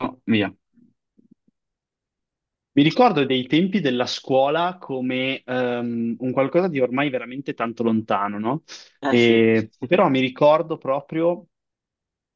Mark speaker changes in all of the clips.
Speaker 1: Oh, via. Mi ricordo dei tempi della scuola come un qualcosa di ormai veramente tanto lontano, no?
Speaker 2: Eh sì,
Speaker 1: Però mi ricordo proprio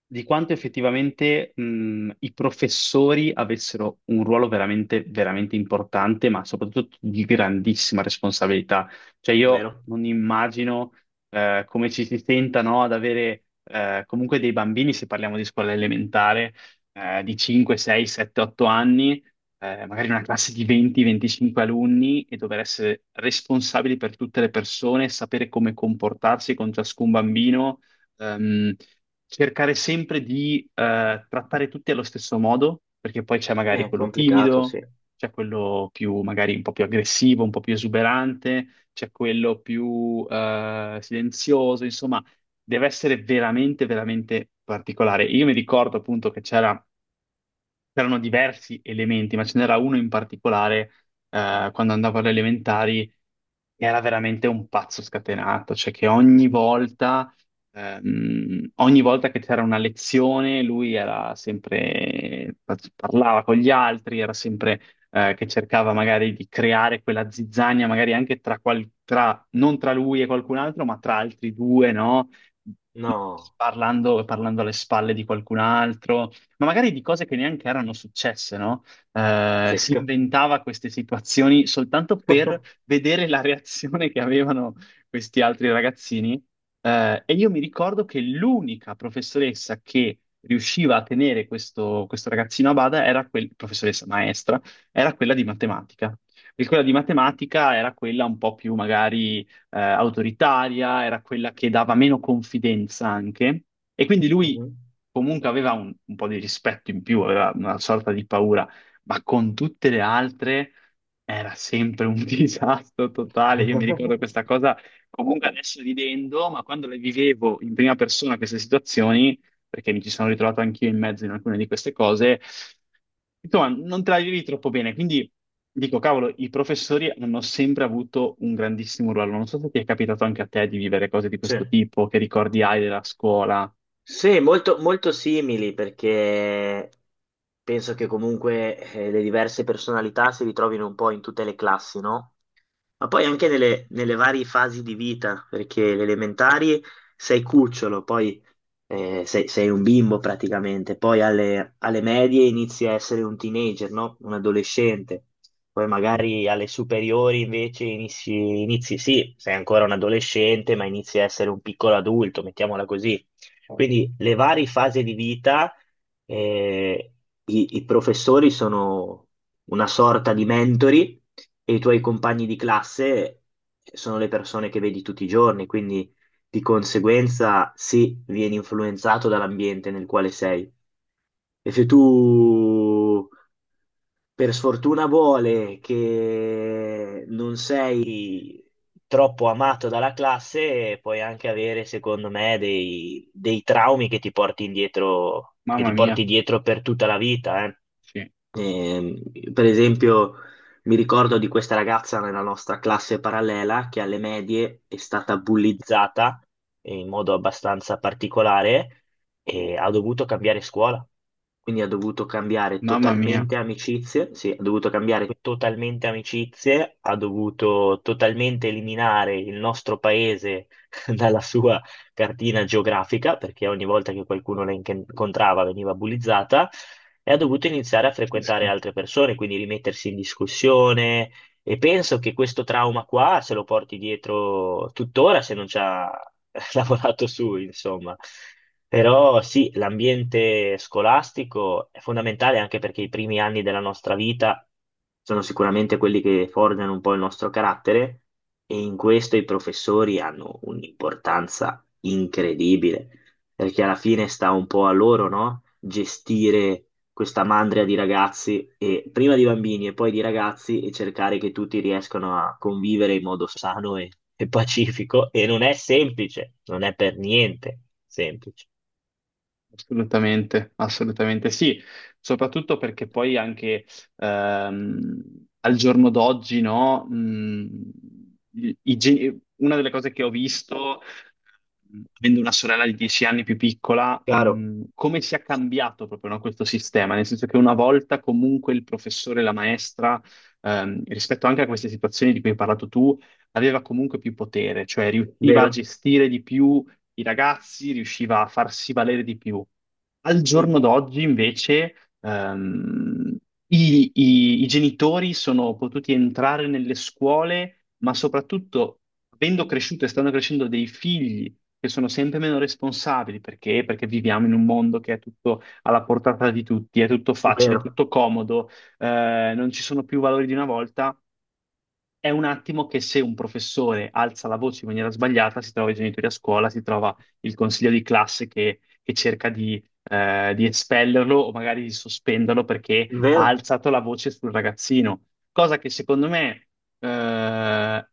Speaker 1: di quanto effettivamente i professori avessero un ruolo veramente, veramente importante, ma soprattutto di grandissima responsabilità. Cioè io
Speaker 2: vero.
Speaker 1: non immagino come ci si senta, no, ad avere comunque dei bambini, se parliamo di scuola elementare, di 5, 6, 7, 8 anni, magari una classe di 20, 25 alunni e dover essere responsabili per tutte le persone, sapere come comportarsi con ciascun bambino. Ehm, Cercare sempre di trattare tutti allo stesso modo, perché poi c'è magari
Speaker 2: È
Speaker 1: quello
Speaker 2: complicato,
Speaker 1: timido,
Speaker 2: sì.
Speaker 1: c'è quello più magari un po' più aggressivo, un po' più esuberante, c'è quello più silenzioso, insomma, deve essere veramente, veramente particolare. Io mi ricordo appunto che c'erano diversi elementi, ma ce n'era uno in particolare, quando andavo alle elementari, che era veramente un pazzo scatenato, cioè che ogni volta che c'era una lezione, lui era sempre, parlava con gli altri, era sempre, che cercava magari di creare quella zizzania, magari anche tra, non tra lui e qualcun altro, ma tra altri due, no?
Speaker 2: No,
Speaker 1: Parlando, parlando alle spalle di qualcun altro ma magari di cose che neanche erano successe, no? Si
Speaker 2: pazzesco.
Speaker 1: inventava queste situazioni soltanto per vedere la reazione che avevano questi altri ragazzini. E io mi ricordo che l'unica professoressa che riusciva a tenere questo ragazzino a bada era quella, professoressa maestra, era quella di matematica. E quella di matematica era quella un po' più magari autoritaria, era quella che dava meno confidenza anche, e quindi lui
Speaker 2: Mhm.
Speaker 1: comunque aveva un po' di rispetto in più, aveva una sorta di paura, ma con tutte le altre era sempre un disastro totale. Io mi ricordo questa cosa, comunque adesso ridendo, ma quando le vivevo in prima persona queste situazioni, perché mi ci sono ritrovato anch'io in mezzo in alcune di queste cose, insomma, non te la vivi troppo bene. Quindi dico, cavolo, i professori hanno sempre avuto un grandissimo ruolo. Non so se ti è capitato anche a te di vivere cose di
Speaker 2: Sì.
Speaker 1: questo tipo, che ricordi hai della scuola.
Speaker 2: Sì, molto, molto simili perché penso che comunque le diverse personalità si ritrovino un po' in tutte le classi, no? Ma poi anche nelle varie fasi di vita, perché le elementari sei cucciolo, poi sei un bimbo praticamente, poi alle medie inizi a essere un teenager, no? Un adolescente, poi magari alle superiori invece inizi, sì, sei ancora un adolescente, ma inizi a essere un piccolo adulto, mettiamola così. Quindi le varie fasi di vita, eh, i professori sono una sorta di mentori e i tuoi compagni di classe sono le persone che vedi tutti i giorni, quindi di conseguenza, sì, vieni influenzato dall'ambiente nel quale sei. E se tu, per sfortuna, vuole che non sei troppo amato dalla classe, puoi anche avere, secondo me, dei traumi che ti porti indietro, che
Speaker 1: Mamma
Speaker 2: ti porti
Speaker 1: mia,
Speaker 2: dietro per tutta la vita, eh.
Speaker 1: sì,
Speaker 2: Ehm, per esempio, mi ricordo di questa ragazza nella nostra classe parallela che alle medie è stata bullizzata in modo abbastanza particolare e ha dovuto cambiare scuola. Quindi ha dovuto cambiare
Speaker 1: mamma mia,
Speaker 2: totalmente amicizie, sì, ha dovuto cambiare totalmente amicizie, ha dovuto totalmente eliminare il nostro paese dalla sua cartina geografica, perché ogni volta che qualcuno la incontrava veniva bullizzata e ha dovuto iniziare a
Speaker 1: pazzesco.
Speaker 2: frequentare altre persone, quindi rimettersi in discussione. E penso che questo trauma qua se lo porti dietro tuttora se non ci ha lavorato su, insomma. Però sì, l'ambiente scolastico è fondamentale anche perché i primi anni della nostra vita sono sicuramente quelli che forgiano un po' il nostro carattere e in questo i professori hanno un'importanza incredibile, perché alla fine sta un po' a loro, no? Gestire questa mandria di ragazzi, e, prima di bambini e poi di ragazzi, e cercare che tutti riescano a convivere in modo sano e pacifico. E non è semplice, non è per niente semplice.
Speaker 1: Assolutamente, assolutamente sì, soprattutto perché poi anche ehm, al giorno d'oggi, no, una delle cose che ho visto, avendo una sorella di 10 anni più piccola,
Speaker 2: Chiaro?
Speaker 1: come si è cambiato proprio, no, questo sistema, nel senso che una volta comunque il professore, la maestra, rispetto anche a queste situazioni di cui hai parlato tu, aveva comunque più potere, cioè riusciva a
Speaker 2: Vero?
Speaker 1: gestire di più i ragazzi, riusciva a farsi valere di più. Al
Speaker 2: Sì,
Speaker 1: giorno d'oggi, invece, ehm, i genitori sono potuti entrare nelle scuole, ma soprattutto, avendo cresciuto e stanno crescendo dei figli che sono sempre meno responsabili, perché? Perché viviamo in un mondo che è tutto alla portata di tutti, è tutto facile, è
Speaker 2: vero,
Speaker 1: tutto comodo, non ci sono più valori di una volta. È un attimo che se un professore alza la voce in maniera sbagliata, si trova i genitori a scuola, si trova il consiglio di classe che cerca di espellerlo o magari di sospenderlo perché ha
Speaker 2: vero?
Speaker 1: alzato la voce sul ragazzino. Cosa che secondo me, eh,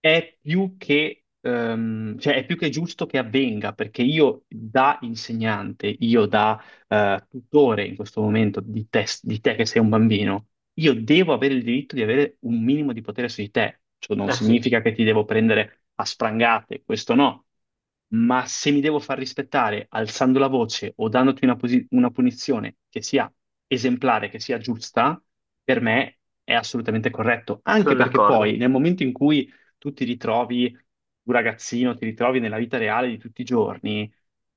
Speaker 1: è più che, cioè è più che giusto che avvenga, perché io da insegnante, io da tutore in questo momento di te che sei un bambino, io devo avere il diritto di avere un minimo di potere su di te. Ciò non
Speaker 2: Eh sì,
Speaker 1: significa che ti devo prendere a sprangate, questo no. Ma se mi devo far rispettare alzando la voce o dandoti una, una punizione che sia esemplare, che sia giusta, per me è assolutamente corretto. Anche
Speaker 2: sono
Speaker 1: perché poi
Speaker 2: d'accordo.
Speaker 1: nel momento in cui tu ti ritrovi, un ragazzino, ti ritrovi nella vita reale di tutti i giorni,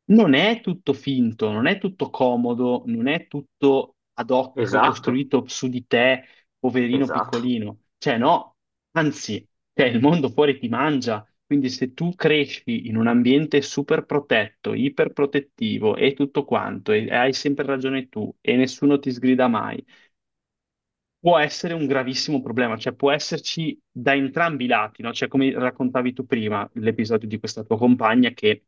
Speaker 1: non è tutto finto, non è tutto comodo, non è tutto ad hoc
Speaker 2: Esatto,
Speaker 1: costruito su di te, poverino
Speaker 2: esatto.
Speaker 1: piccolino. Cioè, no, anzi, cioè, il mondo fuori ti mangia. Quindi se tu cresci in un ambiente super protetto, iperprotettivo e tutto quanto, e hai sempre ragione tu, e nessuno ti sgrida mai, può essere un gravissimo problema, cioè può esserci da entrambi i lati, no? Cioè, come raccontavi tu prima, l'episodio di questa tua compagna che,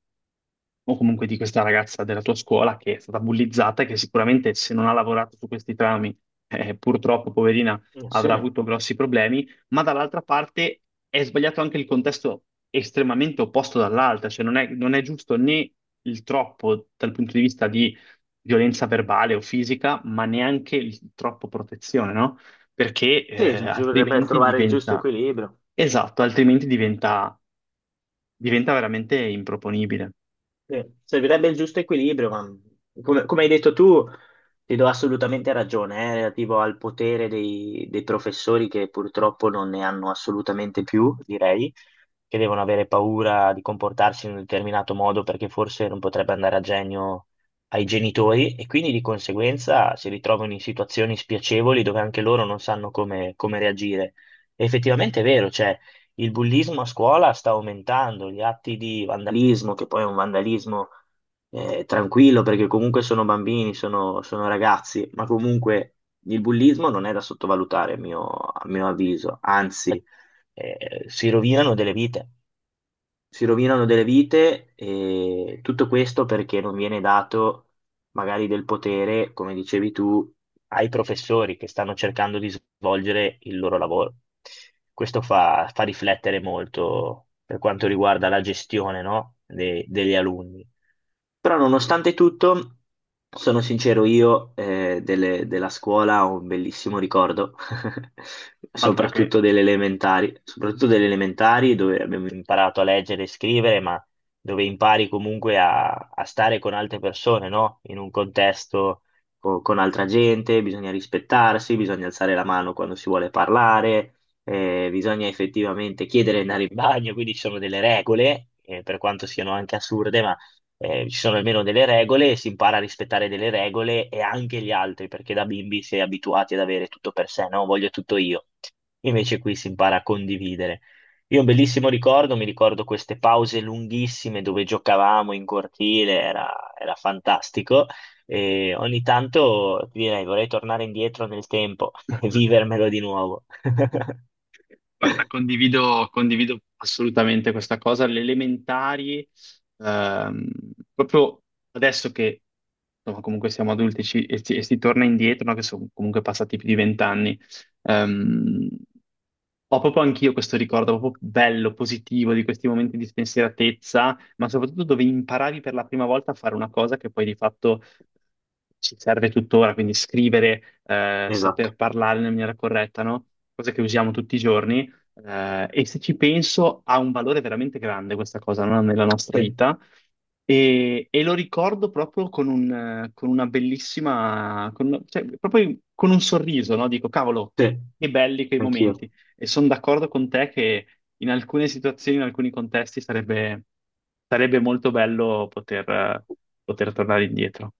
Speaker 1: o comunque di questa ragazza della tua scuola che è stata bullizzata e che sicuramente se non ha lavorato su questi trami, purtroppo, poverina,
Speaker 2: Eh sì,
Speaker 1: avrà avuto grossi problemi, ma dall'altra parte è sbagliato anche il contesto estremamente opposto dall'altra, cioè non è, non è giusto né il troppo dal punto di vista di violenza verbale o fisica, ma neanche il troppo protezione, no? Perché
Speaker 2: sì, bisognerebbe
Speaker 1: altrimenti
Speaker 2: trovare il giusto
Speaker 1: diventa,
Speaker 2: equilibrio.
Speaker 1: esatto, altrimenti diventa, diventa veramente improponibile.
Speaker 2: Sì, servirebbe il giusto equilibrio, ma come hai detto tu, ti do assolutamente ragione, relativo al potere dei professori che purtroppo non ne hanno assolutamente più, direi che devono avere paura di comportarsi in un determinato modo perché forse non potrebbe andare a genio ai genitori e quindi di conseguenza si ritrovano in situazioni spiacevoli dove anche loro non sanno come reagire. E effettivamente è vero, cioè il bullismo a scuola sta aumentando, gli atti di vandalismo, che poi è un vandalismo tranquillo perché comunque sono bambini, sono ragazzi, ma comunque il bullismo non è da sottovalutare a mio avviso, anzi, si rovinano delle vite, si rovinano delle vite e tutto questo perché non viene dato magari del potere, come dicevi tu, ai professori che stanno cercando di svolgere il loro lavoro. Questo fa riflettere molto per quanto riguarda la gestione, no, degli alunni. Però nonostante tutto, sono sincero, io della scuola ho un bellissimo ricordo
Speaker 1: Altro che,
Speaker 2: soprattutto delle elementari dove abbiamo imparato a leggere e scrivere, ma dove impari comunque a stare con altre persone, no? In un contesto con altra gente, bisogna rispettarsi, bisogna alzare la mano quando si vuole parlare, bisogna effettivamente chiedere di andare in bagno, quindi ci sono delle regole, per quanto siano anche assurde, ma ci sono almeno delle regole, si impara a rispettare delle regole e anche gli altri, perché da bimbi si è abituati ad avere tutto per sé, no? Voglio tutto io. Invece qui si impara a condividere. Io ho un bellissimo ricordo, mi ricordo queste pause lunghissime dove giocavamo in cortile, era fantastico. E ogni tanto ti direi vorrei tornare indietro nel tempo e vivermelo di nuovo.
Speaker 1: guarda, condivido, condivido assolutamente questa cosa. Le elementari, ehm, proprio adesso che insomma, comunque siamo adulti e, si torna indietro, no, che sono comunque passati più di vent'anni. ehm, Ho proprio anch'io questo ricordo proprio bello, positivo di questi momenti di spensieratezza, ma soprattutto dove imparavi per la prima volta a fare una cosa che poi di fatto ci serve tuttora, quindi scrivere,
Speaker 2: Esatto,
Speaker 1: saper parlare nella maniera corretta, no? Cosa che usiamo tutti i giorni. E se ci penso, ha un valore veramente grande questa cosa, no? Nella nostra
Speaker 2: sì,
Speaker 1: vita e lo ricordo proprio con, un, con una bellissima, cioè, proprio con un sorriso, no? Dico, cavolo,
Speaker 2: sì,
Speaker 1: che belli quei
Speaker 2: anch'io.
Speaker 1: momenti. E sono d'accordo con te che in alcune situazioni, in alcuni contesti, sarebbe, sarebbe molto bello poter, poter tornare indietro.